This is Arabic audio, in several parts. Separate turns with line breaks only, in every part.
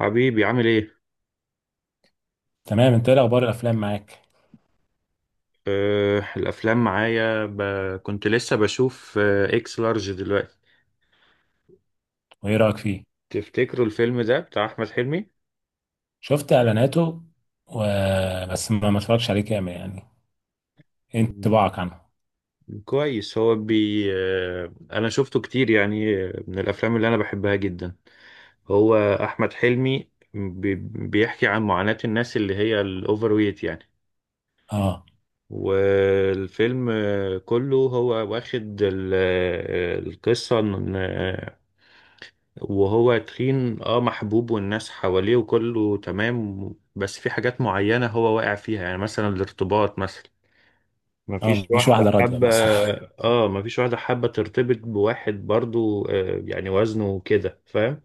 حبيبي عامل ايه؟
تمام، انت ايه اخبار الافلام معاك؟
الافلام معايا كنت لسه بشوف اكس لارج دلوقتي.
وايه رايك فيه؟
تفتكروا الفيلم ده بتاع احمد حلمي؟
شفت اعلاناته. و... بس ما اتفرجش عليه كامل، يعني. ايه
مم،
انطباعك عنه؟
كويس. هو بي أه انا شفته كتير، يعني من الافلام اللي انا بحبها جدا. هو احمد حلمي بيحكي عن معاناة الناس اللي هي الاوفر ويت، يعني.
اه،
والفيلم كله هو واخد القصة. وهو تخين، محبوب، والناس حواليه وكله تمام. بس في حاجات معينة هو واقع فيها، يعني مثلا الارتباط مثلا.
اه،
مفيش
مفيش واحده
واحدة
راضيه،
حابة
بس.
اه مفيش واحدة حابة ترتبط بواحد، برضو يعني وزنه كده، فاهم.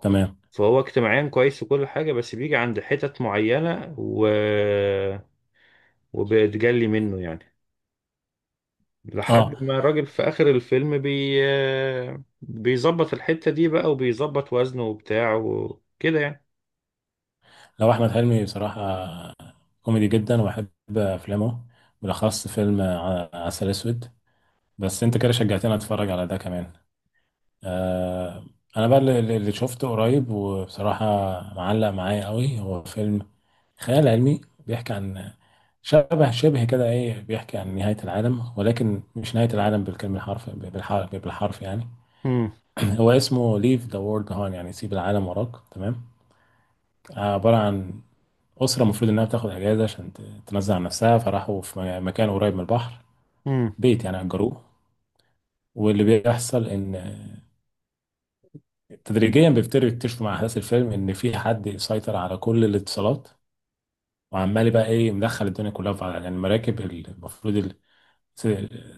تمام.
فهو اجتماعيا كويس وكل حاجة، بس بيجي عند حتت معينة وبيتجلي منه، يعني. لحد
اه،
ما الراجل في آخر الفيلم بي... آه، بيظبط الحتة دي بقى وبيظبط وزنه وبتاعه وكده، يعني.
لو احمد حلمي بصراحه كوميدي جدا، وبحب افلامه، بالاخص فيلم عسل اسود. بس انت كده شجعتني اتفرج على ده كمان. آه انا بقى اللي شفته قريب، وبصراحة معلق معايا قوي، هو فيلم خيال علمي. بيحكي عن شبه شبه كده ايه، بيحكي عن نهاية العالم، ولكن مش نهاية العالم بالكلمة، الحرف بالحرف بالحرف، يعني.
امم
هو اسمه ليف ذا وورلد هون، يعني سيب العالم وراك، تمام. عبارة عن أسرة المفروض إنها بتاخد أجازة عشان تنزه عن نفسها، فراحوا في مكان قريب من البحر.
امم
بيت يعني أجروه. واللي بيحصل إن تدريجيا بيبتدوا يكتشفوا مع احداث الفيلم ان في حد سيطر على كل الاتصالات، وعمال بقى ايه مدخل الدنيا كلها في بعضها. يعني المراكب المفروض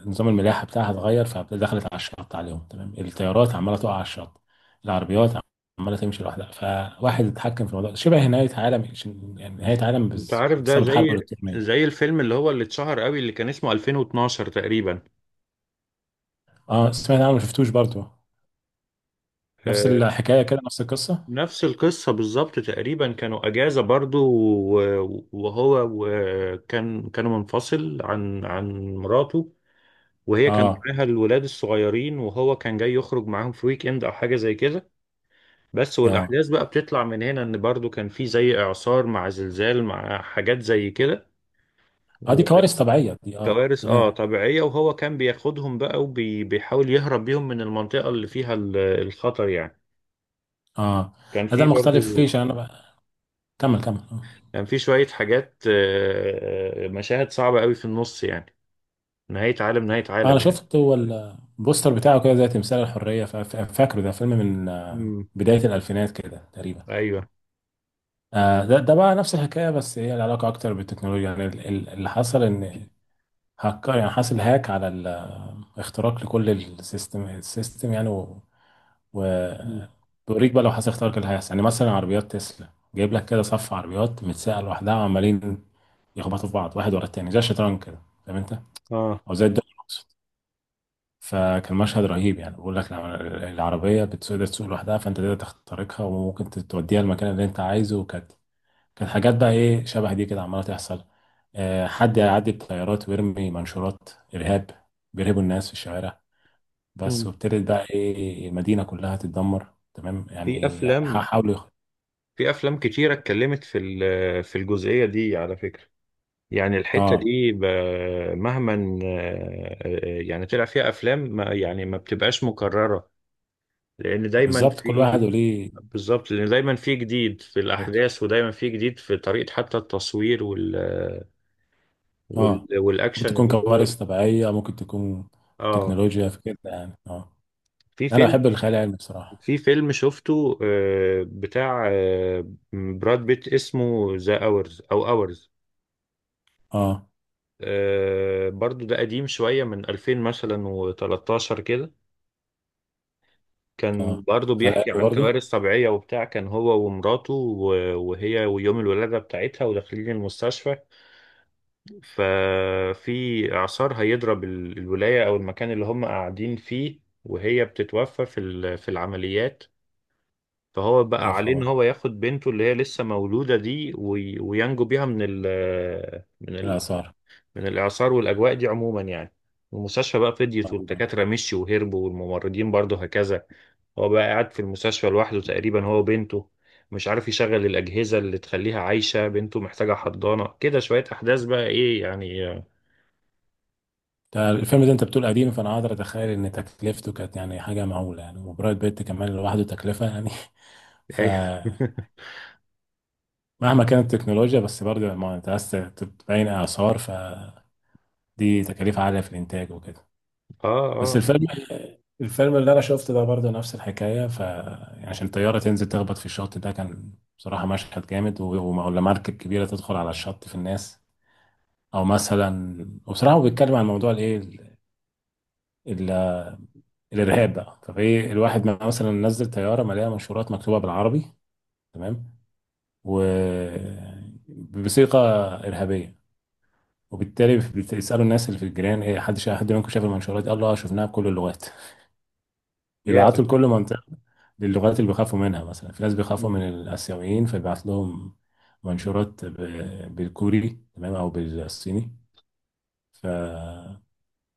نظام الملاحه بتاعها اتغير، فدخلت على الشط عليهم، تمام. الطيارات عماله تقع على الشط، العربيات عماله تمشي لوحدها، فواحد اتحكم في الموضوع. شبه نهايه عالم، يعني نهايه عالم
انت عارف ده
بسبب حرب
زي
الالكترونيه.
زي الفيلم اللي اتشهر قوي، اللي كان اسمه 2012 تقريبا.
اه، سمعت عنه ما شفتوش برضه.
آه،
نفس الحكايه كده، نفس القصه.
نفس القصة بالظبط تقريبا، كانوا أجازة برضو وهو كانوا منفصل عن مراته. وهي كان
اه،
معاها الولاد الصغيرين، وهو كان جاي يخرج معاهم في ويك اند أو حاجة زي كده. بس
اه،
والأحداث بقى بتطلع من هنا، إن برضو كان في زي إعصار مع زلزال مع حاجات زي كده.
اه، دي كوارث طبيعيه دي، اه،
كوارث
تمام.
طبيعية، وهو كان بياخدهم بقى وبيحاول يهرب بيهم من المنطقة اللي فيها الخطر، يعني.
اه،
كان
لا، ده
في
المختلف
برضو
فيه، عشان انا بقى، كمل كمل، آه.
كان في شوية حاجات، مشاهد صعبة قوي في النص، يعني. نهاية عالم نهاية
انا
عالم، يعني.
شفت هو البوستر بتاعه كده زي تمثال الحريه، فاكره ده فيلم من
امم،
بدايه الالفينات كده تقريبا.
ايوه.
ده بقى نفس الحكايه، بس هي العلاقه اكتر بالتكنولوجيا، يعني اللي حصل ان هكر، يعني حصل هاك على اختراق لكل السيستم، يعني و-
مم.
بيوريك بقى لو حصل اختراق إيه اللي هيحصل. يعني مثلا عربيات تسلا جايب لك كده صف عربيات متساقه لوحدها، وعمالين يخبطوا في بعض، واحد ورا التاني، زي الشطرنج كده، فاهم انت؟
اه.
او زي الدنيا. فكان مشهد رهيب، يعني بقول لك العربية بتقدر تسوق لوحدها، فانت تقدر تخترقها وممكن توديها المكان اللي انت عايزه. وكانت كانت حاجات بقى ايه شبه دي كده عمالة تحصل. حد يعدي بطيارات ويرمي منشورات إرهاب، بيرهبوا الناس في الشوارع، بس.
مم.
وابتدت بقى ايه المدينة كلها تتدمر، تمام،
في
يعني
افلام
حاولوا
في افلام كتيرة اتكلمت في الجزئية دي على فكرة. يعني الحتة
اه،
دي مهما يعني طلع فيها افلام، ما يعني ما بتبقاش مكررة، لان دايما
بالظبط، كل
في.
واحد وليه
بالظبط، لان دايما في جديد في
طريقته.
الاحداث، ودايما في جديد في طريقه، حتى التصوير
اه، ممكن
والاكشن.
تكون
اللي هو
كوارث طبيعية ممكن تكون
اه
تكنولوجيا في كده، يعني، اه.
في
انا
فيلم
بحب الخيال العلمي، بصراحة.
في فيلم شفته بتاع براد بيت، اسمه ذا اورز او اورز.
اه،
برضو ده قديم شويه، من 2000 مثلا و13 كده. كان
اه،
برضو بيحكي
خلقني
عن
برضه.
كوارث طبيعيه وبتاع، كان هو ومراته وهي، ويوم الولاده بتاعتها وداخلين المستشفى. ففي إعصار هيضرب الولاية أو المكان اللي هم قاعدين فيه، وهي بتتوفى في العمليات. فهو بقى
يا
عليه إن
خبر،
هو ياخد بنته اللي هي لسه مولودة دي، وينجو بيها من ال
بالاسعار.
من الإعصار والأجواء دي عموما، يعني. المستشفى بقى فضيت،
اه،
والدكاترة مشيوا وهربوا، والممرضين برضه هكذا. هو بقى قاعد في المستشفى لوحده تقريبا، هو وبنته. مش عارف يشغل الأجهزة اللي تخليها عايشة، بنته محتاجة حضانة، كده شوية أحداث بقى إيه، يعني.
ده الفيلم ده انت بتقول قديم، فانا قادر اتخيل ان تكلفته كانت يعني حاجه معقوله، يعني وبرايت بيت كمان لوحده تكلفه، يعني.
ايوه
فمهما كانت التكنولوجيا، بس برضه ما انت عايز تبين اثار، فدي تكاليف عاليه في الانتاج وكده.
اه.
بس
اه.
الفيلم اللي انا شفته ده برضه نفس الحكايه. ف يعني عشان الطياره تنزل تخبط في الشط، ده كان بصراحه مشهد جامد، ولا مركب كبيره تدخل على الشط في الناس، او مثلا. وبصراحه هو بيتكلم عن موضوع الايه، ال- الارهاب بقى، فايه الواحد مثلا نزل طياره مليانه منشورات مكتوبه بالعربي، تمام، و بصيغه ارهابيه. وبالتالي بيسالوا الناس اللي في الجيران، ايه حد حد منكم شاف المنشورات دي؟ قال له اه، شفناها بكل اللغات، بيبعتوا
يا.
لكل منطقه. للغات اللي بيخافوا منها، مثلا في ناس بيخافوا
مم.
من الاسيويين، فبيبعت لهم منشورات بالكوري، تمام، او بالصيني. ف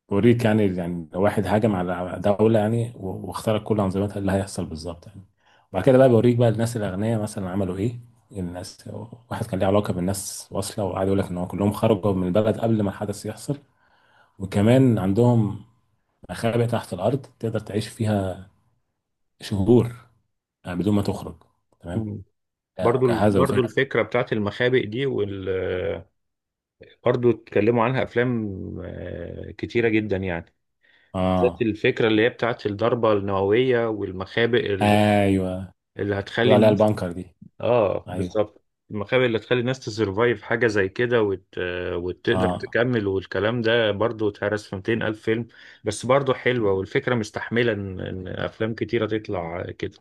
بوريك، يعني لو واحد هاجم على دولة، يعني واخترق كل أنظمتها، إيه اللي هيحصل بالظبط يعني؟ وبعد كده بقى، بوريك بقى الناس الأغنياء مثلا عملوا إيه. الناس، واحد كان ليه علاقة بالناس واصلة، وقعد يقول لك إن هو كلهم خرجوا من البلد قبل ما الحدث يحصل. وكمان عندهم مخابئ تحت الأرض تقدر تعيش فيها شهور، يعني بدون ما تخرج، تمام.
مم. برضو
مجهزة
برضو
وفيها.
الفكرة بتاعت المخابئ دي وال. برضو اتكلموا عنها أفلام كتيرة جدا، يعني. بالذات
آه.
الفكرة اللي هي بتاعت الضربة النووية والمخابئ
أيوه،
اللي هتخلي
بيقولوا عليها
الناس.
البانكر دي.
اه،
أيوه.
بالظبط. المخابئ اللي هتخلي الناس تسرفايف، حاجة زي كده، وت... آه، وتقدر
آه.
تكمل. والكلام ده برضو اتهرس في 200 ألف فيلم، بس برضو حلوة، والفكرة مستحملة إن أفلام كتيرة تطلع كده.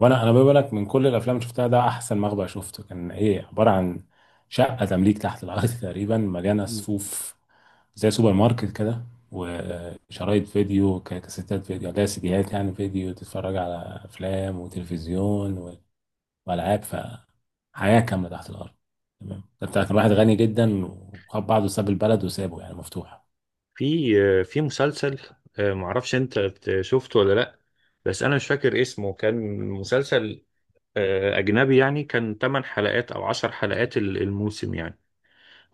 وانا بقول لك، من كل الافلام اللي شفتها، ده احسن مخبأ شفته، كان ايه عباره عن شقه تمليك تحت الارض تقريبا، مليانه صفوف زي سوبر ماركت كده، وشرايط فيديو، كاسيتات فيديو، لا سيديات يعني فيديو، تتفرج على افلام وتلفزيون والعاب، فحياه كامله تحت الارض، تمام. ده بتاع كان واحد غني جدا، وخد بعضه ساب البلد وسابه يعني مفتوح.
في مسلسل، معرفش انت شفته ولا لا، بس انا مش فاكر اسمه. كان مسلسل اجنبي، يعني كان 8 حلقات او 10 حلقات الموسم، يعني.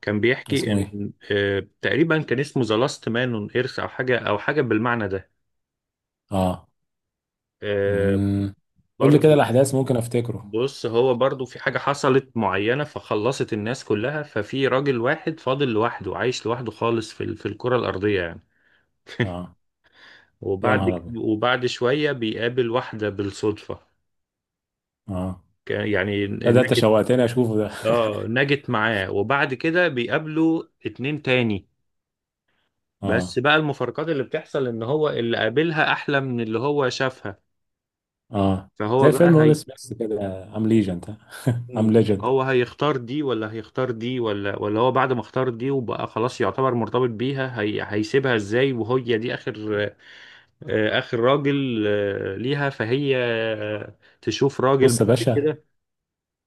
كان بيحكي
اسمه ايه؟
ان تقريبا كان اسمه ذا لاست مان اون ايرث، او حاجه بالمعنى ده.
اه.
آه،
أمم. قول لي كده
برضو،
الاحداث ممكن افتكره.
بص، هو برضو في حاجه حصلت معينه، فخلصت الناس كلها. ففي راجل واحد فاضل لوحده، عايش لوحده خالص في في الكره الارضيه، يعني.
اه. يا نهار ابيض.
وبعد شويه بيقابل واحده بالصدفه.
اه،
يعني
لا، ده انت
نجت.
شوقتني اشوفه ده.
اه، نجت معاه، وبعد كده بيقابلوا اتنين تاني.
اه،
بس بقى المفارقات اللي بتحصل ان هو اللي قابلها احلى من اللي هو شافها.
اه.
فهو
زي
بقى
فيلم ويل
هي.
سميث كده، ام ليجند. ام
مم.
ليجند.
هو هيختار دي ولا هيختار دي ولا هو بعد ما اختار دي وبقى خلاص يعتبر مرتبط بيها، هي هيسيبها ازاي؟ وهي دي اخر راجل ليها، فهي تشوف راجل
بص يا
بعد
باشا،
كده.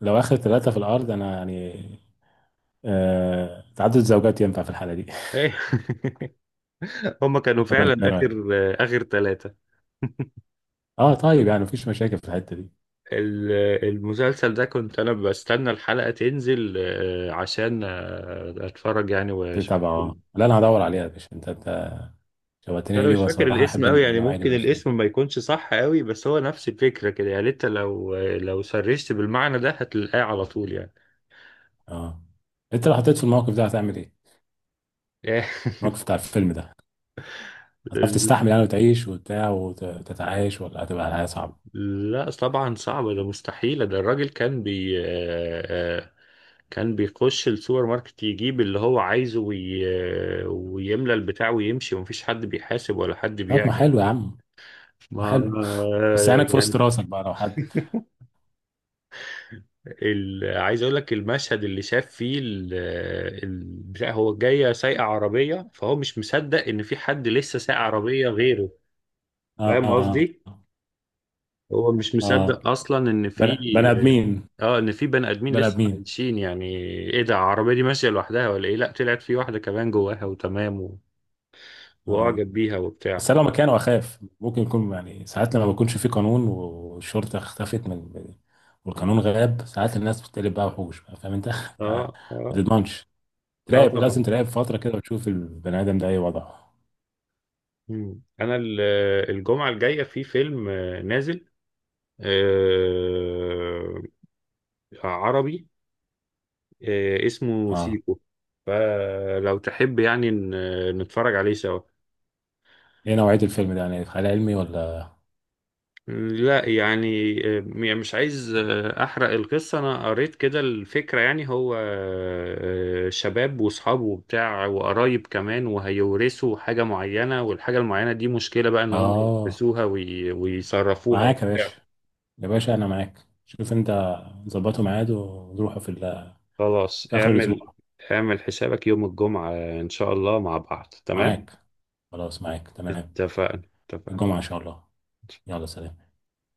لو اخر ثلاثة في الارض، انا يعني، تعدد الزوجات ينفع في الحالة دي.
هما كانوا
ولا انت
فعلا
ايه رايك؟
اخر ثلاثة.
اه، طيب، يعني مفيش مشاكل في الحتة دي.
ال- المسلسل ده كنت انا بستنى الحلقة تنزل عشان اتفرج، يعني واشوف
تتابع. اه، لا، انا هدور عليها يا باشا. انت
بس
شوقتني
انا مش
ليه،
فاكر
بصراحة
الاسم
احب
قوي، يعني
النوعية دي من
ممكن
الافلام.
الاسم ما يكونش صح قوي، بس هو نفس الفكرة كده. يعني انت لو سرشت بالمعنى ده هتلاقيه على طول، يعني.
اه، انت لو حطيت في الموقف ده هتعمل ايه؟ الموقف بتاع الفيلم ده. هتعرف تستحمل يعني وتعيش وبتاع وتتعايش، ولا هتبقى الحياة صعبة؟
لا طبعا صعبة، ده مستحيلة، ده الراجل كان بي آه، آه، كان بيخش السوبر ماركت يجيب اللي هو عايزه وي... آه، ويملى البتاع ويمشي، ومفيش حد بيحاسب ولا حد
طب، ما
بيعمل
حلو يا عم. آه،
ما.
حلو. بس عينك في
يعني
وسط راسك بقى لو حد.
عايز اقول لك المشهد اللي شاف فيه بتاع، هو جايه سايقه عربيه، فهو مش مصدق ان في حد لسه سايق عربيه غيره، فاهم
اه،
قصدي؟ هو مش
اه،
مصدق اصلا ان في
بني ادمين.
اه ان في بني ادمين
بني
لسه
ادمين.
عايشين، يعني. ايه ده؟ العربيه دي ماشيه لوحدها ولا ايه؟ لا، طلعت في واحده كمان جواها وتمام
اه.
واعجب بيها
بس
وبتاع.
انا لو مكانه اخاف، ممكن يكون يعني ساعات لما بيكونش في قانون والشرطه اختفت من، والقانون غاب، ساعات الناس بتقلب بقى وحوش، بقى فاهم انت؟
اه.
ما
اه.
تضمنش.
اه،
تراقب،
طبعا.
لازم تراقب فتره كده وتشوف البني ادم ده ايه وضعه.
انا الجمعه الجايه في فيلم نازل آه، عربي اسمه
اه.
سيكو، فلو تحب يعني نتفرج عليه سوا.
ايه نوعيه الفيلم ده، يعني خيال علمي ولا؟
لا يعني يعني مش عايز أحرق القصة. أنا قريت كده الفكرة، يعني هو شباب وأصحابه وبتاع وقرايب كمان، وهيورثوا حاجة معينة، والحاجة المعينة دي مشكلة بقى إن هم
اه،
يلبسوها ويصرفوها
معاك يا
وبتاع.
باشا. يا باشا انا معاك، شوف انت. ظبطوا ميعاد ونروحوا في،
خلاص.
في اخر الاسبوع.
اعمل حسابك يوم الجمعة إن شاء الله، مع بعض تمام.
معاك. خلاص معاك، تمام.
اتفقنا. اتفقنا.
الجمعة إن شاء الله. يلا سلام.